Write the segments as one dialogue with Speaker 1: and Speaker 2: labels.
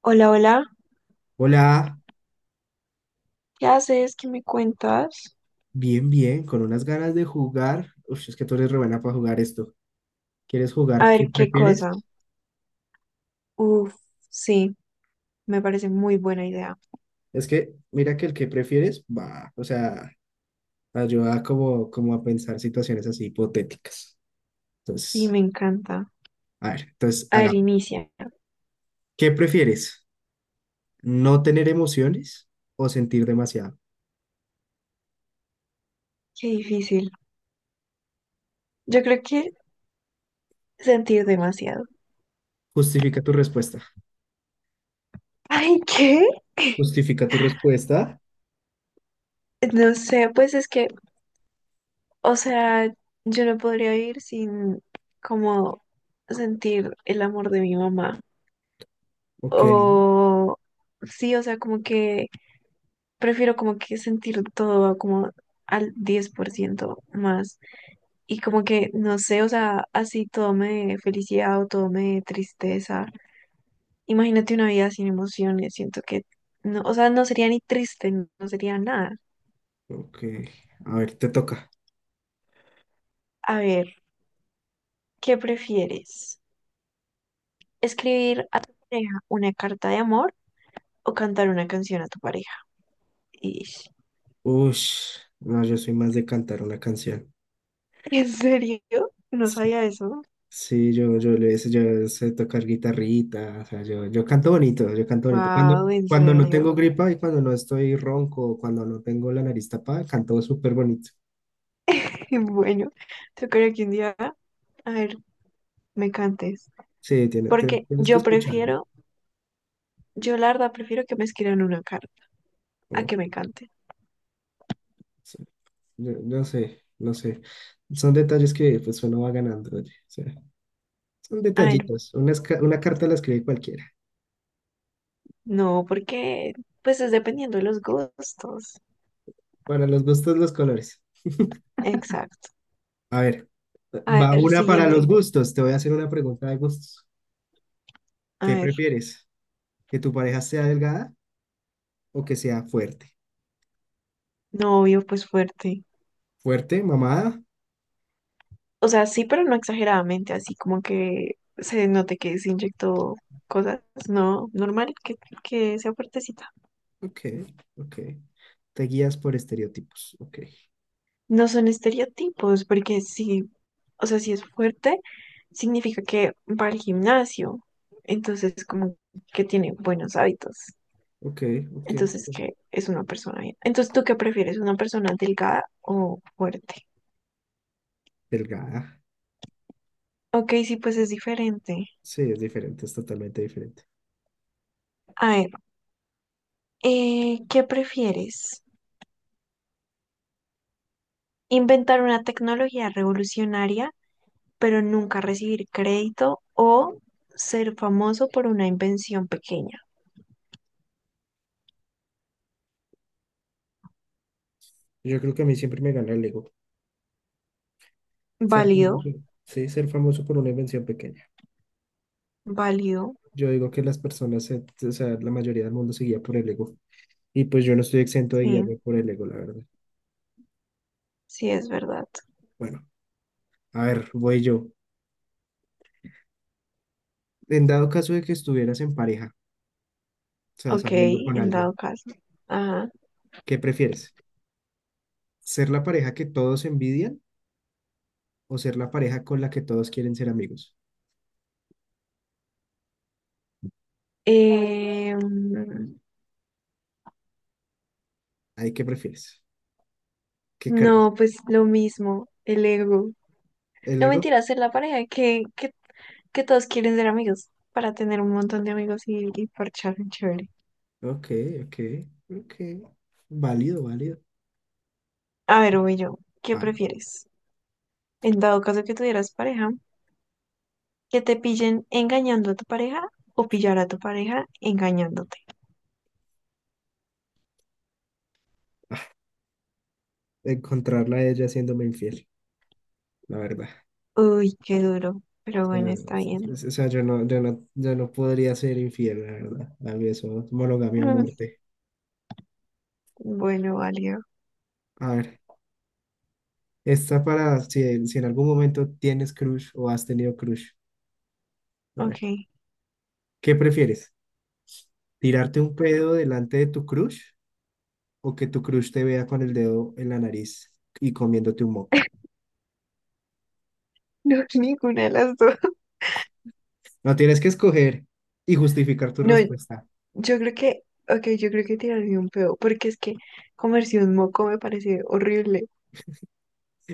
Speaker 1: Hola, hola,
Speaker 2: Hola,
Speaker 1: ¿qué haces? ¿Qué me cuentas?
Speaker 2: bien, bien, con unas ganas de jugar. Uf, es que tú eres re buena para jugar esto. ¿Quieres
Speaker 1: A
Speaker 2: jugar qué
Speaker 1: ver, qué
Speaker 2: prefieres?
Speaker 1: cosa. Uf, sí, me parece muy buena idea.
Speaker 2: Es que mira que el que prefieres va, o sea, ayuda como, como a pensar situaciones así hipotéticas.
Speaker 1: Y
Speaker 2: Entonces,
Speaker 1: me encanta.
Speaker 2: a ver, entonces
Speaker 1: A ver,
Speaker 2: hagamos.
Speaker 1: inicia.
Speaker 2: ¿Qué prefieres? ¿No tener emociones o sentir demasiado?
Speaker 1: Qué difícil. Yo creo que sentir demasiado.
Speaker 2: Justifica tu respuesta.
Speaker 1: Ay, ¿qué?
Speaker 2: Justifica tu respuesta.
Speaker 1: No sé, pues es que, o sea, yo no podría vivir sin como sentir el amor de mi mamá.
Speaker 2: Ok,
Speaker 1: O sí, o sea, como que prefiero como que sentir todo como al 10% más. Y como que, no sé, o sea, así todo me dé felicidad o todo me dé tristeza. Imagínate una vida sin emociones, siento que, no, o sea, no sería ni triste, no sería nada.
Speaker 2: ok. A ver, te toca.
Speaker 1: A ver, ¿qué prefieres? ¿Escribir a tu pareja una carta de amor o cantar una canción a tu pareja? Ish.
Speaker 2: Ush, no, yo soy más de cantar una canción.
Speaker 1: ¿En serio? No sabía eso.
Speaker 2: Sí, yo sé tocar guitarrita, o sea, yo canto bonito, yo canto bonito.
Speaker 1: Wow, en
Speaker 2: Cuando no
Speaker 1: serio.
Speaker 2: tengo gripa y cuando no estoy ronco, cuando no tengo la nariz tapada, canto súper bonito.
Speaker 1: Bueno, yo creo que un día, a ver, me cantes.
Speaker 2: Sí,
Speaker 1: Porque
Speaker 2: tienes que
Speaker 1: yo
Speaker 2: escucharme.
Speaker 1: prefiero, yo la verdad prefiero que me escriban una carta. A
Speaker 2: Oh,
Speaker 1: que me cante.
Speaker 2: sí. Yo sé, no sé. Son detalles que pues uno va ganando, oye. O sea, son
Speaker 1: Ay, no,
Speaker 2: detallitos. Una, una carta la escribe cualquiera.
Speaker 1: no, porque pues es dependiendo de los gustos.
Speaker 2: Para los gustos, los colores.
Speaker 1: Exacto.
Speaker 2: A ver,
Speaker 1: A
Speaker 2: va
Speaker 1: ver,
Speaker 2: una para
Speaker 1: siguiente.
Speaker 2: los gustos. Te voy a hacer una pregunta de gustos.
Speaker 1: A
Speaker 2: ¿Qué
Speaker 1: ver,
Speaker 2: prefieres? ¿Que tu pareja sea delgada o que sea fuerte?
Speaker 1: novio, pues fuerte.
Speaker 2: ¿Fuerte, mamada?
Speaker 1: O sea, sí, pero no exageradamente, así como que se note que se inyectó cosas, no, normal, que sea fuertecita.
Speaker 2: Ok, ok. Te guías por estereotipos. Ok,
Speaker 1: No son estereotipos, porque sí, o sea, si es fuerte, significa que va al gimnasio, entonces como que tiene buenos hábitos.
Speaker 2: ok, ok.
Speaker 1: Entonces, ¿qué es una persona bien? Entonces, ¿tú qué prefieres? ¿Una persona delgada o fuerte?
Speaker 2: Delgada.
Speaker 1: Ok, sí, pues es diferente.
Speaker 2: Sí, es diferente, es totalmente diferente.
Speaker 1: A ver, ¿qué prefieres? ¿Inventar una tecnología revolucionaria, pero nunca recibir crédito o ser famoso por una invención pequeña?
Speaker 2: Yo creo que a mí siempre me gana el ego. Ser
Speaker 1: Válido,
Speaker 2: famoso. Sí, ser famoso por una invención pequeña.
Speaker 1: válido.
Speaker 2: Yo digo que las personas, se- o sea, la mayoría del mundo se guía por el ego. Y pues yo no estoy exento de guiarme
Speaker 1: Sí,
Speaker 2: por el ego, la verdad.
Speaker 1: sí, es verdad.
Speaker 2: Bueno, a ver, voy yo. En dado caso de que estuvieras en pareja, o sea,
Speaker 1: Ok,
Speaker 2: saliendo con
Speaker 1: en
Speaker 2: alguien,
Speaker 1: dado caso. Ajá.
Speaker 2: ¿qué prefieres? ¿Ser la pareja que todos envidian o ser la pareja con la que todos quieren ser amigos?
Speaker 1: Eh,
Speaker 2: ¿Ahí qué prefieres? ¿Qué crees?
Speaker 1: No, pues lo mismo, el ego.
Speaker 2: ¿El
Speaker 1: No
Speaker 2: ego?
Speaker 1: mentira, ser la pareja que todos quieren ser amigos para tener un montón de amigos y parchar chévere.
Speaker 2: Ok, ok, ok. Válido, válido.
Speaker 1: A ver, voy yo, ¿qué
Speaker 2: Ah,
Speaker 1: prefieres? En dado caso que tuvieras pareja, que te pillen engañando a tu pareja o pillar a tu pareja engañándote.
Speaker 2: encontrarla a ella haciéndome infiel, la verdad.
Speaker 1: Uy, qué duro, pero
Speaker 2: O sea,
Speaker 1: bueno, está
Speaker 2: es-
Speaker 1: bien.
Speaker 2: es- o sea, yo no podría ser infiel, la verdad. A mí eso es monogamia o
Speaker 1: Mm,
Speaker 2: muerte.
Speaker 1: bueno, válido.
Speaker 2: A ver, esta para si en algún momento tienes crush o has tenido crush. A ver,
Speaker 1: Ok.
Speaker 2: ¿qué prefieres? ¿Tirarte un pedo delante de tu crush o que tu crush te vea con el dedo en la nariz y comiéndote un moco?
Speaker 1: No, ninguna de las dos.
Speaker 2: No tienes que escoger y justificar tu
Speaker 1: No,
Speaker 2: respuesta.
Speaker 1: yo creo que, ok, yo creo que tirarme un peo, porque es que comerse un moco me parece horrible.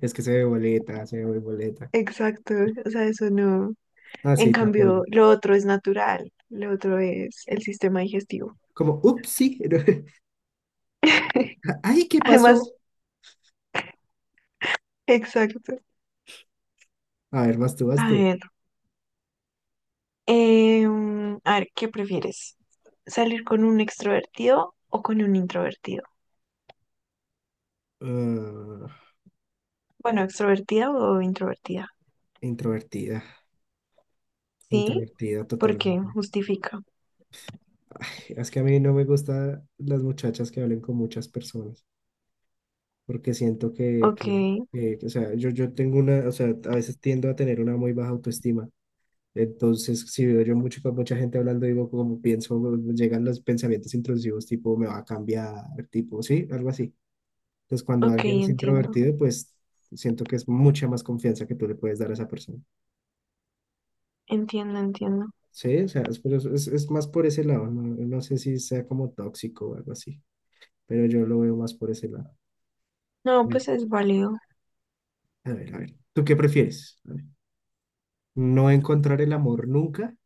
Speaker 2: Es que se ve boleta, se ve boleta.
Speaker 1: Exacto, o sea, eso no.
Speaker 2: Ah,
Speaker 1: En
Speaker 2: sí, te apoyo.
Speaker 1: cambio, lo otro es natural, lo otro es el sistema digestivo.
Speaker 2: Como, ups, sí. Ay, ¿qué
Speaker 1: Además,
Speaker 2: pasó?
Speaker 1: exacto.
Speaker 2: A ver, vas tú, vas
Speaker 1: A
Speaker 2: tú.
Speaker 1: ver, a ver, ¿qué prefieres? ¿Salir con un extrovertido o con un introvertido?
Speaker 2: Ah,
Speaker 1: Bueno, extrovertida o introvertida.
Speaker 2: introvertida,
Speaker 1: ¿Sí?
Speaker 2: introvertida
Speaker 1: ¿Por qué?
Speaker 2: totalmente.
Speaker 1: Justifica.
Speaker 2: Ay, es que a mí no me gustan las muchachas que hablen con muchas personas, porque siento
Speaker 1: Ok,
Speaker 2: o sea, yo tengo una, o sea, a veces tiendo a tener una muy baja autoestima. Entonces, si veo yo mucho con mucha gente hablando, digo, como pienso, llegan los pensamientos intrusivos, tipo, me va a cambiar, tipo, sí, algo así. Entonces, cuando
Speaker 1: ok,
Speaker 2: alguien es
Speaker 1: entiendo,
Speaker 2: introvertido, pues siento que es mucha más confianza que tú le puedes dar a esa persona.
Speaker 1: entiendo, entiendo.
Speaker 2: Sí, o sea, es, por eso- es más por ese lado, no, no sé si sea como tóxico o algo así, pero yo lo veo más por ese lado. A
Speaker 1: No,
Speaker 2: ver,
Speaker 1: pues es válido.
Speaker 2: a ver, a ver. ¿Tú qué prefieres? A ver. ¿No encontrar el amor nunca,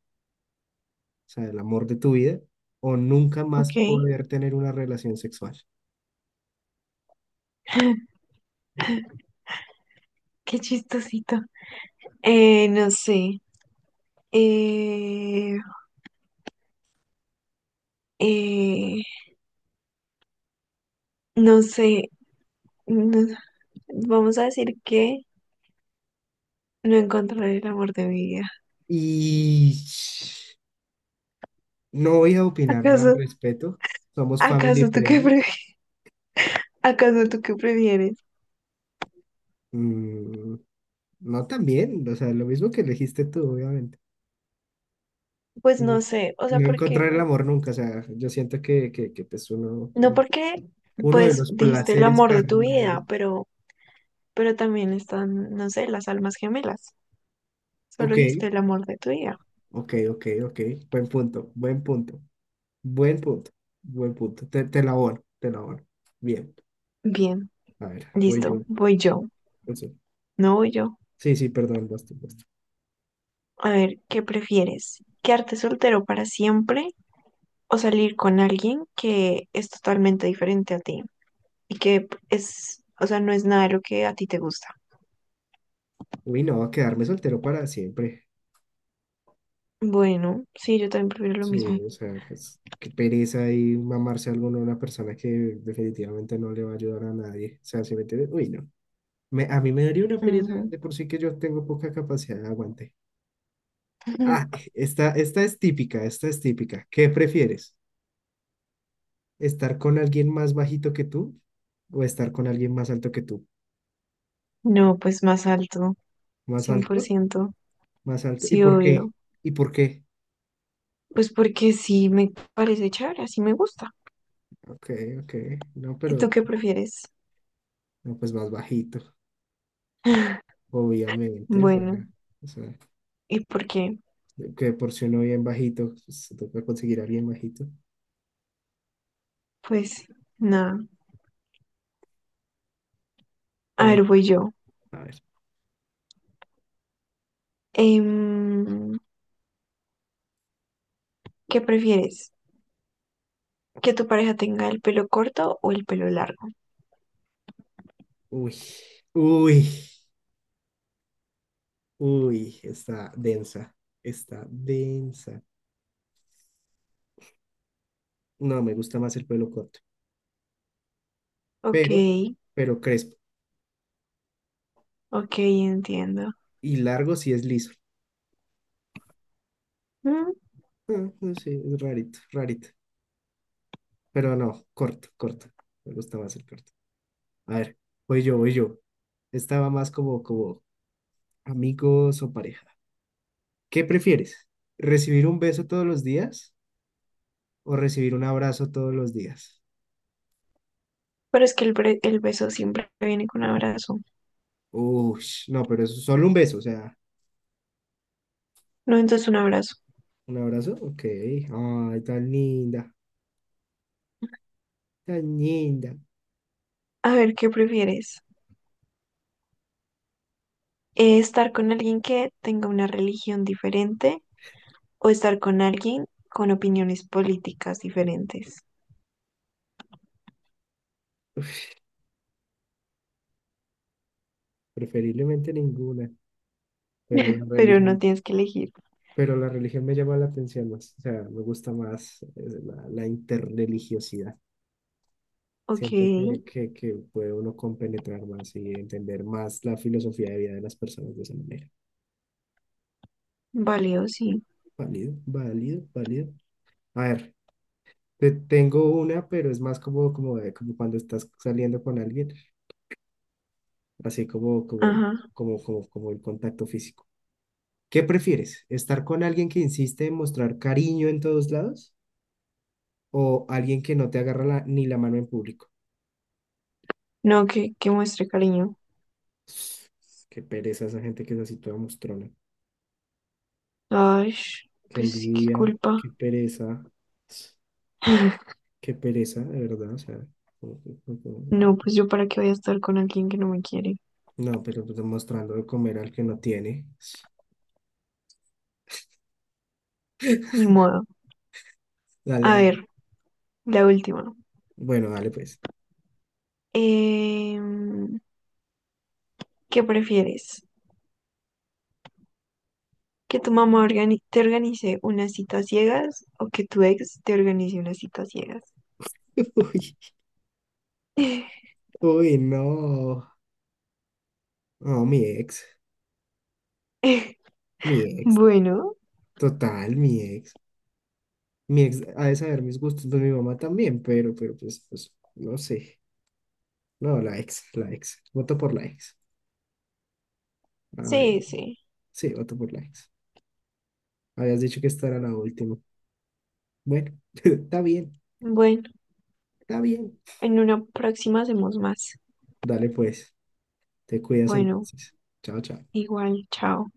Speaker 2: o sea, el amor de tu vida, o nunca más
Speaker 1: Ok,
Speaker 2: poder tener una relación sexual?
Speaker 1: qué chistosito. No sé. Eh, eh, no sé. no- Vamos a decir que no encontraré el amor de mi vida.
Speaker 2: Y no voy a opinar nada al
Speaker 1: ¿Acaso,
Speaker 2: respecto. Somos family
Speaker 1: acaso tú qué
Speaker 2: friendly.
Speaker 1: pre, ¿Acaso tú qué prefieres?
Speaker 2: Mm, no también, o sea, lo mismo que elegiste tú, obviamente.
Speaker 1: Pues
Speaker 2: No,
Speaker 1: no sé. O sea,
Speaker 2: no
Speaker 1: porque,
Speaker 2: encontrar el amor nunca, o sea, yo siento que pues
Speaker 1: no porque,
Speaker 2: uno de
Speaker 1: pues
Speaker 2: los
Speaker 1: dijiste el
Speaker 2: placeres
Speaker 1: amor de tu
Speaker 2: carnales.
Speaker 1: vida, pero también están, no sé, las almas gemelas. Solo
Speaker 2: Ok,
Speaker 1: dijiste el amor de tu vida.
Speaker 2: ok, ok, ok. Buen punto, buen punto, buen punto, buen punto. Te la abono, te la abono. Bien,
Speaker 1: Bien,
Speaker 2: a ver, voy
Speaker 1: listo.
Speaker 2: yo.
Speaker 1: Voy yo.
Speaker 2: Pues sí,
Speaker 1: No voy yo.
Speaker 2: sí, sí, perdón, basta, basta.
Speaker 1: A ver, ¿qué prefieres? ¿Quedarte soltero para siempre o salir con alguien que es totalmente diferente a ti y que es, o sea, no es nada de lo que a ti te gusta?
Speaker 2: Uy, no, va a quedarme soltero para siempre.
Speaker 1: Bueno, sí, yo también prefiero lo
Speaker 2: Sí,
Speaker 1: mismo.
Speaker 2: o sea, es- qué pereza y mamarse algo a una persona que definitivamente no le va a ayudar a nadie. O sea, si me entiendes, uy, no. Me- a mí me daría una pereza
Speaker 1: Ujú.
Speaker 2: de por sí que yo tengo poca capacidad de aguante. Ah, esta es típica, esta es típica. ¿Qué prefieres? ¿Estar con alguien más bajito que tú o estar con alguien más alto que tú?
Speaker 1: No, pues más alto,
Speaker 2: ¿Más
Speaker 1: cien por
Speaker 2: alto?
Speaker 1: ciento
Speaker 2: ¿Más alto? ¿Y
Speaker 1: Sí,
Speaker 2: por qué?
Speaker 1: obvio.
Speaker 2: ¿Y por qué?
Speaker 1: Pues porque sí me parece chévere, así me gusta.
Speaker 2: Ok, ok. No,
Speaker 1: ¿Y
Speaker 2: pero
Speaker 1: tú qué prefieres?
Speaker 2: no, pues más bajito, obviamente.
Speaker 1: Bueno,
Speaker 2: O sea,
Speaker 1: ¿y por qué?
Speaker 2: que por si uno bien bajito, pues, se toca conseguir a alguien bajito.
Speaker 1: Pues nada. A
Speaker 2: No,
Speaker 1: ver, voy yo.
Speaker 2: a ver.
Speaker 1: Em, ¿Qué prefieres? ¿Que tu pareja tenga el pelo corto o el pelo largo?
Speaker 2: Uy, uy, uy, está densa, está densa. No, me gusta más el pelo corto,
Speaker 1: Ok,
Speaker 2: pero, pero crespo.
Speaker 1: ok, entiendo.
Speaker 2: Y largo si es liso.
Speaker 1: Mm,
Speaker 2: Ah, no sé, es rarito, rarito. Pero no, corto, corto. Me gusta más el corto. A ver, voy yo, voy yo. Estaba más como, como amigos o pareja. ¿Qué prefieres? ¿Recibir un beso todos los días o recibir un abrazo todos los días?
Speaker 1: pero es que el beso siempre viene con un abrazo.
Speaker 2: Uy, no, pero eso, solo un beso, o sea,
Speaker 1: No, entonces un abrazo.
Speaker 2: un abrazo, ok. Ay, tan linda, tan linda.
Speaker 1: A ver, ¿qué prefieres? Estar con alguien que tenga una religión diferente o estar con alguien con opiniones políticas diferentes.
Speaker 2: Preferiblemente ninguna, pero la
Speaker 1: Pero no
Speaker 2: religión,
Speaker 1: tienes que elegir.
Speaker 2: pero la religión me llama la atención más, o sea, me gusta más la, la interreligiosidad.
Speaker 1: Ok,
Speaker 2: Siento que puede uno compenetrar más y entender más la filosofía de vida de las personas de esa manera.
Speaker 1: válido, sí.
Speaker 2: Válido, válido, válido. A ver, te tengo una, pero es más como, como, de- como cuando estás saliendo con alguien. Así
Speaker 1: Ajá.
Speaker 2: como el contacto físico. ¿Qué prefieres? ¿Estar con alguien que insiste en mostrar cariño en todos lados o alguien que no te agarra la- ni la mano en público?
Speaker 1: No, que muestre cariño.
Speaker 2: Qué pereza esa gente que es así toda mostrona.
Speaker 1: Ay,
Speaker 2: Qué
Speaker 1: pues qué
Speaker 2: envidia,
Speaker 1: culpa.
Speaker 2: qué pereza, qué pereza, de verdad. O sea,
Speaker 1: No, pues yo para qué voy a estar con alguien que no me quiere.
Speaker 2: no, pero pues mostrando de comer al que no tiene.
Speaker 1: Ni modo.
Speaker 2: Dale,
Speaker 1: A
Speaker 2: dale.
Speaker 1: ver, la última.
Speaker 2: Bueno, dale pues.
Speaker 1: Em, ¿Qué prefieres? Que tu mamá te organice unas citas ciegas o que tu ex te organice unas citas ciegas.
Speaker 2: Uy, uy, no. No, mi ex, mi ex.
Speaker 1: Bueno,
Speaker 2: Total, mi ex. Mi ex ha de saber mis gustos, pues mi mamá también, pero pues, pues, no sé. No, la ex, la ex. Voto por la ex. Ay,
Speaker 1: sí, sí.
Speaker 2: sí, voto por la ex. Habías dicho que esta era la última. Bueno, está bien,
Speaker 1: Bueno,
Speaker 2: está bien.
Speaker 1: en una próxima hacemos más.
Speaker 2: Dale pues, te cuidas
Speaker 1: Bueno,
Speaker 2: entonces. Chao, chao.
Speaker 1: igual, chao.